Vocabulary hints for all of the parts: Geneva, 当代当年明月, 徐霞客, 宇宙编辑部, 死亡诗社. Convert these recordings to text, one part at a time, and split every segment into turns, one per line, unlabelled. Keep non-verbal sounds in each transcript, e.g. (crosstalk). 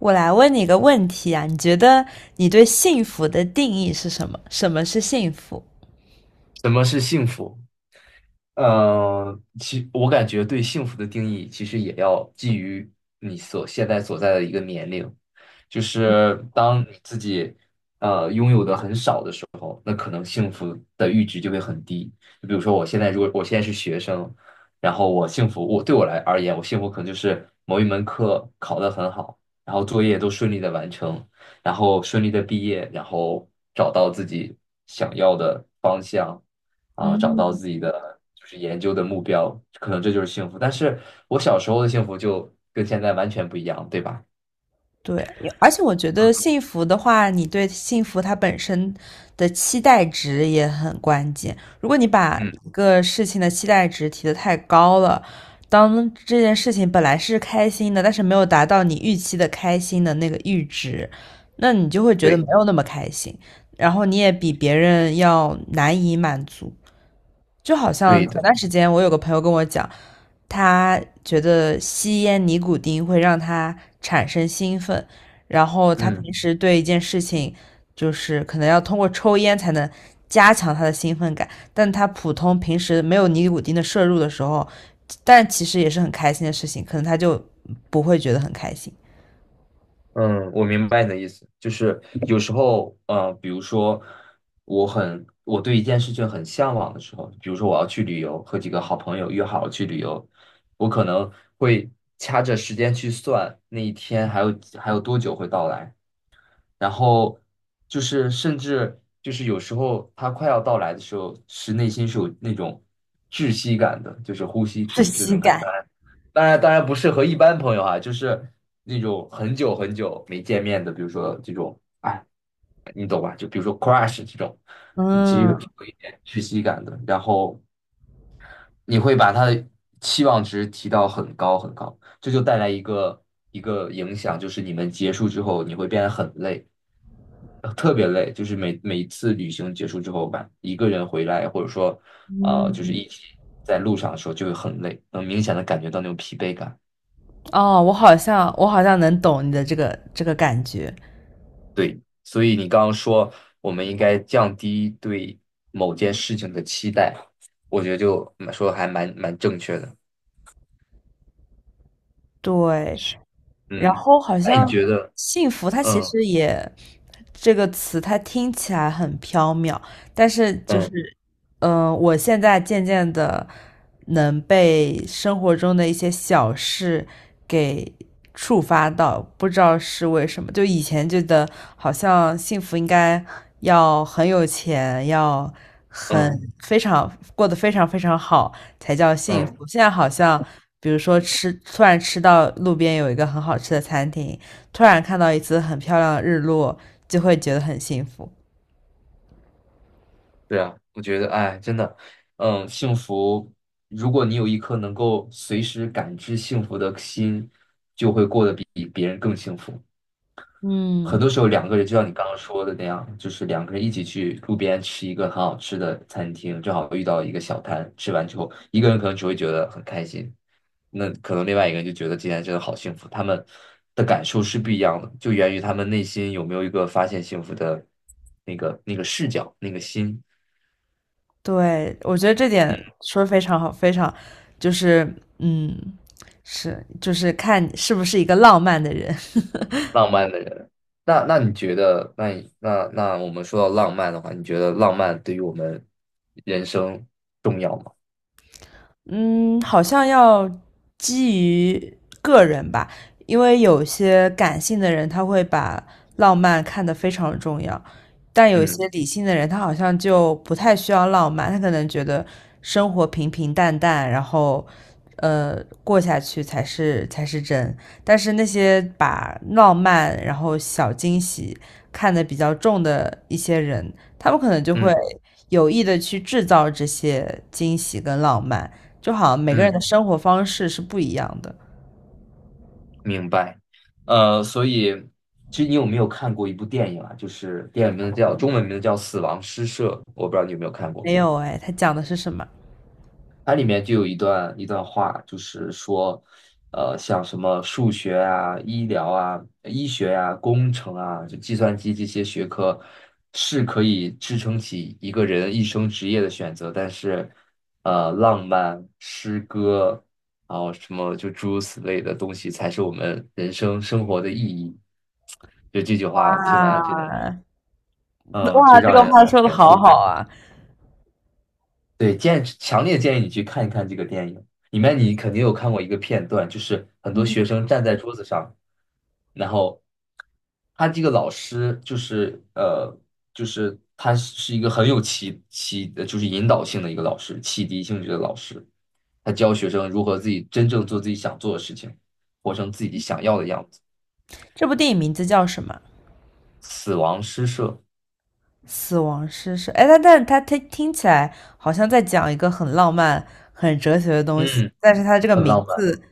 我来问你一个问题啊，你觉得你对幸福的定义是什么？什么是幸福？
什么是幸福？我感觉对幸福的定义其实也要基于你所现在所在的一个年龄，就是当你自己拥有的很少的时候，那可能幸福的阈值就会很低。就比如说我现在如果我现在是学生，然后我幸福，我对我来而言，我幸福可能就是某一门课考得很好，然后作业都顺利的完成，然后顺利的毕业，然后找到自己想要的方向，啊，找
嗯，
到自己的就是研究的目标，可能这就是幸福。但是我小时候的幸福就跟现在完全不一样，对吧？
对，有而且我觉得幸福的话，你对幸福它本身的期待值也很关键。如果你把
嗯，
一个事情的期待值提得太高了，当这件事情本来是开心的，但是没有达到你预期的开心的那个阈值，那你就会觉得没
对，
有那么开心，然后你也比别人要难以满足。就好像
对
前
的。
段时间我有个朋友跟我讲，他觉得吸烟尼古丁会让他产生兴奋，然后他
嗯。
平时对一件事情，就是可能要通过抽烟才能加强他的兴奋感，但他普通平时没有尼古丁的摄入的时候，但其实也是很开心的事情，可能他就不会觉得很开心。
嗯，我明白你的意思，就是有时候，比如说，我很，我对一件事情很向往的时候，比如说我要去旅游，和几个好朋友约好了去旅游，我可能会掐着时间去算那一天还有多久会到来，然后就是甚至就是有时候它快要到来的时候，是内心是有那种窒息感的，就是呼吸
窒
停滞那
息
种感觉。
感。
当然，当然不适合一般朋友啊，就是那种很久很久没见面的，比如说这种，哎，你懂吧？就比如说 crush 这种，你其实
嗯
有一点窒息感的，然后你会把他的期望值提到很高很高，这就带来一个影响，就是你们结束之后，你会变得很累，特别累，就是每一次旅行结束之后吧，一个人回来，或者说，就是
嗯。
一起在路上的时候就会很累，能明显的感觉到那种疲惫感。
哦，我好像我好像能懂你的这个这个感觉。
对，所以你刚刚说我们应该降低对某件事情的期待，我觉得就蛮说得还蛮正确的。
对。
是，
然
嗯，
后好
那
像
你觉得，
幸福，它其
嗯
实也这个词，它听起来很缥缈，但是
嗯
我现在渐渐的能被生活中的一些小事给触发到，不知道是为什么。就以前觉得好像幸福应该要很有钱，要很
嗯
非常过得非常非常好才叫幸
嗯，
福。现在好像，比如说吃，突然吃到路边有一个很好吃的餐厅，突然看到一次很漂亮的日落，就会觉得很幸福。
对啊，我觉得，哎，真的，嗯，幸福，如果你有一颗能够随时感知幸福的心，就会过得比别人更幸福。很多
嗯，
时候两个人就像你刚刚说的那样，就是两个人一起去路边吃一个很好吃的餐厅，正好遇到一个小摊，吃完之后，一个人可能只会觉得很开心，那可能另外一个人就觉得今天真的好幸福，他们的感受是不一样的，就源于他们内心有没有一个发现幸福的那个视角，那个心，
对，我觉得这点说的非常好，非常就是嗯，是就是看你是不是一个浪漫的人。
浪漫的人。那你觉得，那你那那我们说到浪漫的话，你觉得浪漫对于我们人生重要吗？
嗯，好像要基于个人吧，因为有些感性的人他会把浪漫看得非常重要，但有一
嗯
些理性的人他好像就不太需要浪漫，他可能觉得生活平平淡淡，然后过下去才是才是真。但是那些把浪漫然后小惊喜看得比较重的一些人，他们可能就会
嗯
有意的去制造这些惊喜跟浪漫。就好像每个人
嗯。
的生活方式是不一样的。
明白，所以其实你有没有看过一部电影啊？就是电影名字叫中文名字叫《死亡诗社》，我不知道你有没有看过。
没有哎，他讲的是什么？
它里面就有一段话，就是说，像什么数学啊、医疗啊、医学啊、工程啊，就计算机这些学科，是可以支撑起一个人一生职业的选择，但是，浪漫、诗歌，然后什么就诸如此类的东西，才是我们人生生活的意义。就这句话
哇
听完，这个，嗯，就
哇，这
让
个
人
话
很
说的
感
好
触。
好啊
对，强烈建议你去看一看这个电影。里面你肯定有看过一个片段，就是
(laughs)！
很多
嗯。
学生站在桌子上，然后他这个老师就是他是一个很有启启，呃就是引导性的一个老师，启迪性质的老师，他教学生如何自己真正做自己想做的事情，活成自己想要的样子。
这部电影名字叫什么？
死亡诗社，
死亡诗社。哎，他但是他听起来好像在讲一个很浪漫、很哲学的东西，
嗯，
但是他这个
很
名
浪漫。
字，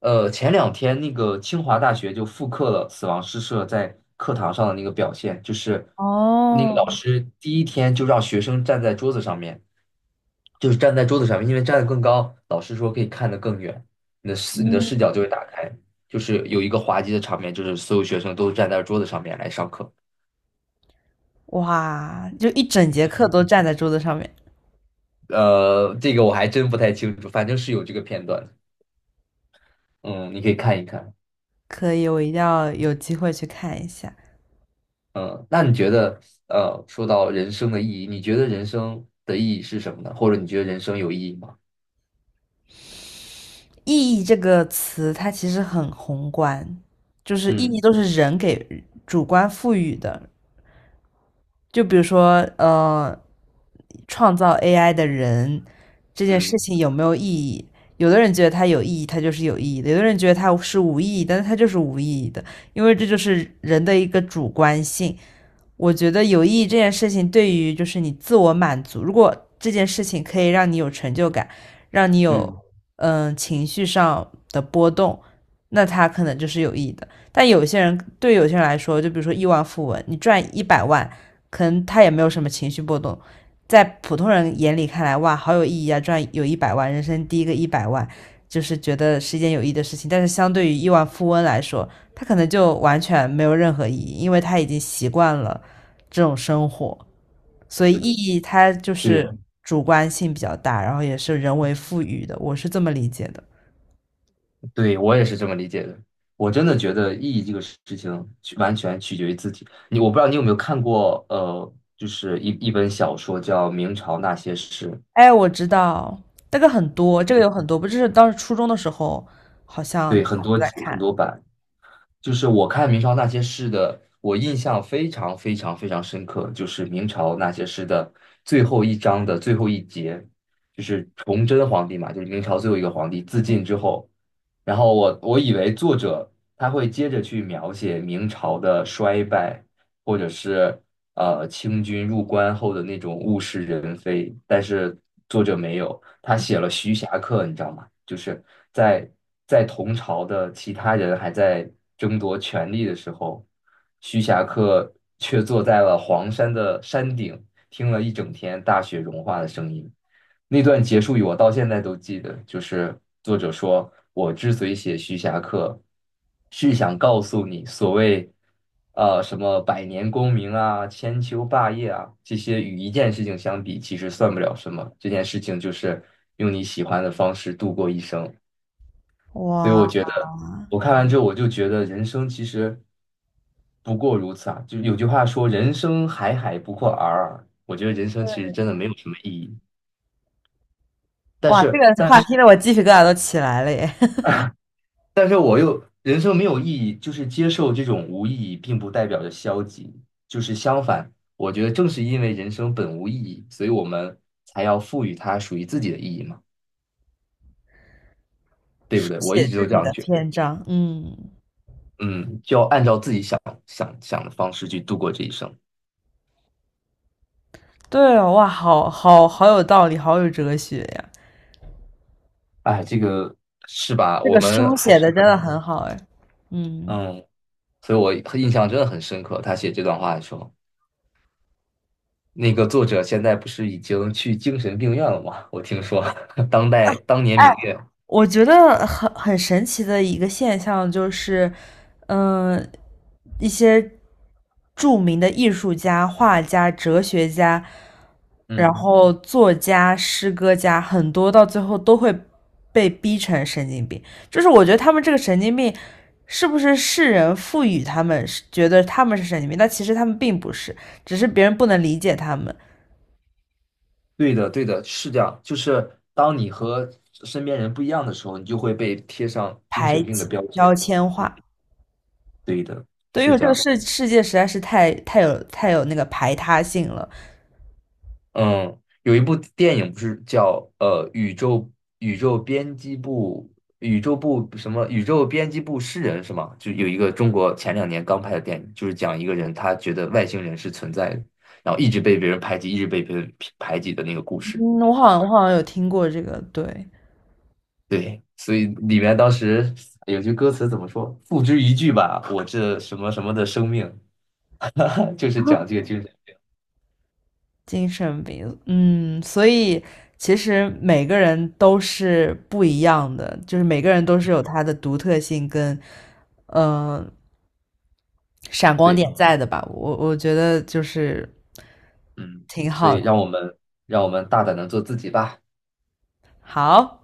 前两天那个清华大学就复刻了死亡诗社在课堂上的那个表现，就是那个老
哦。
师第一天就让学生站在桌子上面，就是站在桌子上面，因为站得更高，老师说可以看得更远，你的
嗯。
视角就会打开，就是有一个滑稽的场面，就是所有学生都站在桌子上面来上课。
哇，就一整节课都站在桌子上面。
这个我还真不太清楚，反正是有这个片段的，嗯，你可以看一看。
可以，我一定要有机会去看一下。
嗯，那你觉得，说到人生的意义，你觉得人生的意义是什么呢？或者你觉得人生有意义吗？
意义这个词，它其实很宏观，就是意义
嗯
都是人给主观赋予的。就比如说，创造 AI 的人这件事
嗯
情有没有意义？有的人觉得它有意义，它就是有意义的；有的人觉得它是无意义，但是它就是无意义的，因为这就是人的一个主观性。我觉得有意义这件事情对于就是你自我满足，如果这件事情可以让你有成就感，让你
嗯，
有情绪上的波动，那它可能就是有意义的。但有些人对有些人来说，就比如说亿万富翁，你赚一百万，可能他也没有什么情绪波动。在普通人眼里看来，哇，好有意义啊！赚有一百万，人生第一个一百万，就是觉得是一件有意义的事情。但是相对于亿万富翁来说，他可能就完全没有任何意义，因为他已经习惯了这种生活，所以
对的
意义它就
对，
是主观性比较大，然后也是人为赋予的，我是这么理解的。
对，我也是这么理解的。我真的觉得意义这个事情完全取决于自己。你我不知道你有没有看过，就是一本小说叫《明朝那些事》，
哎，我知道这个很多，这个有很多，不就是当时初中的时候好像
对，
大
很
家都
多
在
集很
看。
多版。就是我看明朝那些事的，我印象非常非常非常深刻，就是明朝那些事的最后一章的最后一节，就是崇祯皇帝嘛，就是明朝最后一个皇帝自尽之后，然后我以为作者他会接着去描写明朝的衰败，或者是清军入关后的那种物是人非，但是作者没有。他写了《徐霞客》，你知道吗？就是在在同朝的其他人还在争夺权力的时候，徐霞客却坐在了黄山的山顶，听了一整天大雪融化的声音。那段结束语我到现在都记得，就是作者说：“我之所以写徐霞客，是想告诉你，所谓什么百年功名啊、千秋霸业啊，这些与一件事情相比，其实算不了什么。这件事情就是用你喜欢的方式度过一生。”所以我
哇
觉得，我看完之后，我就觉得人生其实不过如此啊。就有句话说：“人生海海，不过尔尔。”我觉得人生其实真的没有什么意义。但
哇，这
是，
个
但
话听得我鸡皮疙瘩都起来了耶！(laughs)
但是我又人生没有意义，就是接受这种无意义，并不代表着消极，就是相反，我觉得正是因为人生本无意义，所以我们才要赋予它属于自己的意义嘛，对不
书
对？我一
写
直
自
都这
己
样
的
觉得，
篇章。嗯。
嗯，就要按照自己想的方式去度过这一生。
对哦，哇，好好有道理，好有哲学呀。
哎，这个是吧？
这
我
个
们
书
还
写
是
的真
可
的
能，
很好哎。嗯。
嗯，所以我印象真的很深刻。他写这段话的时候，那个作者现在不是已经去精神病院了吗？我听说 (laughs) 当年
哎
明月。
我觉得很很神奇的一个现象就是，嗯、一些著名的艺术家、画家、哲学家，然
嗯。
后作家、诗歌家，很多到最后都会被逼成神经病。就是我觉得他们这个神经病，是不是世人赋予他们是觉得他们是神经病，但其实他们并不是，只是别人不能理解他们，
对的，对的，是这样。就是当你和身边人不一样的时候，你就会被贴上精神
排
病的
挤、
标签。
标签化。
对的，
对，因
是
为
这
这个
样。
世界实在是太有太有那个排他性了。
嗯，有一部电影不是叫宇宙编辑部宇宙编辑部诗人是吗？就有一个中国前两年刚拍的电影，就是讲一个人他觉得外星人是存在的，然后一直被别人排挤，一直被别人排挤的那个故事。
嗯，我好像我好像有听过这个，对。
对，所以里面当时有句歌词怎么说？付之一炬吧，我这什么什么的生命，(laughs) 就是讲这个精神。
精神病。嗯，所以其实每个人都是不一样的，就是每个人都是有他的独特性跟呃闪光
对，
点在的吧。我觉得就是
嗯，
挺
所
好
以让
的。
我们让我们大胆的做自己吧。
好。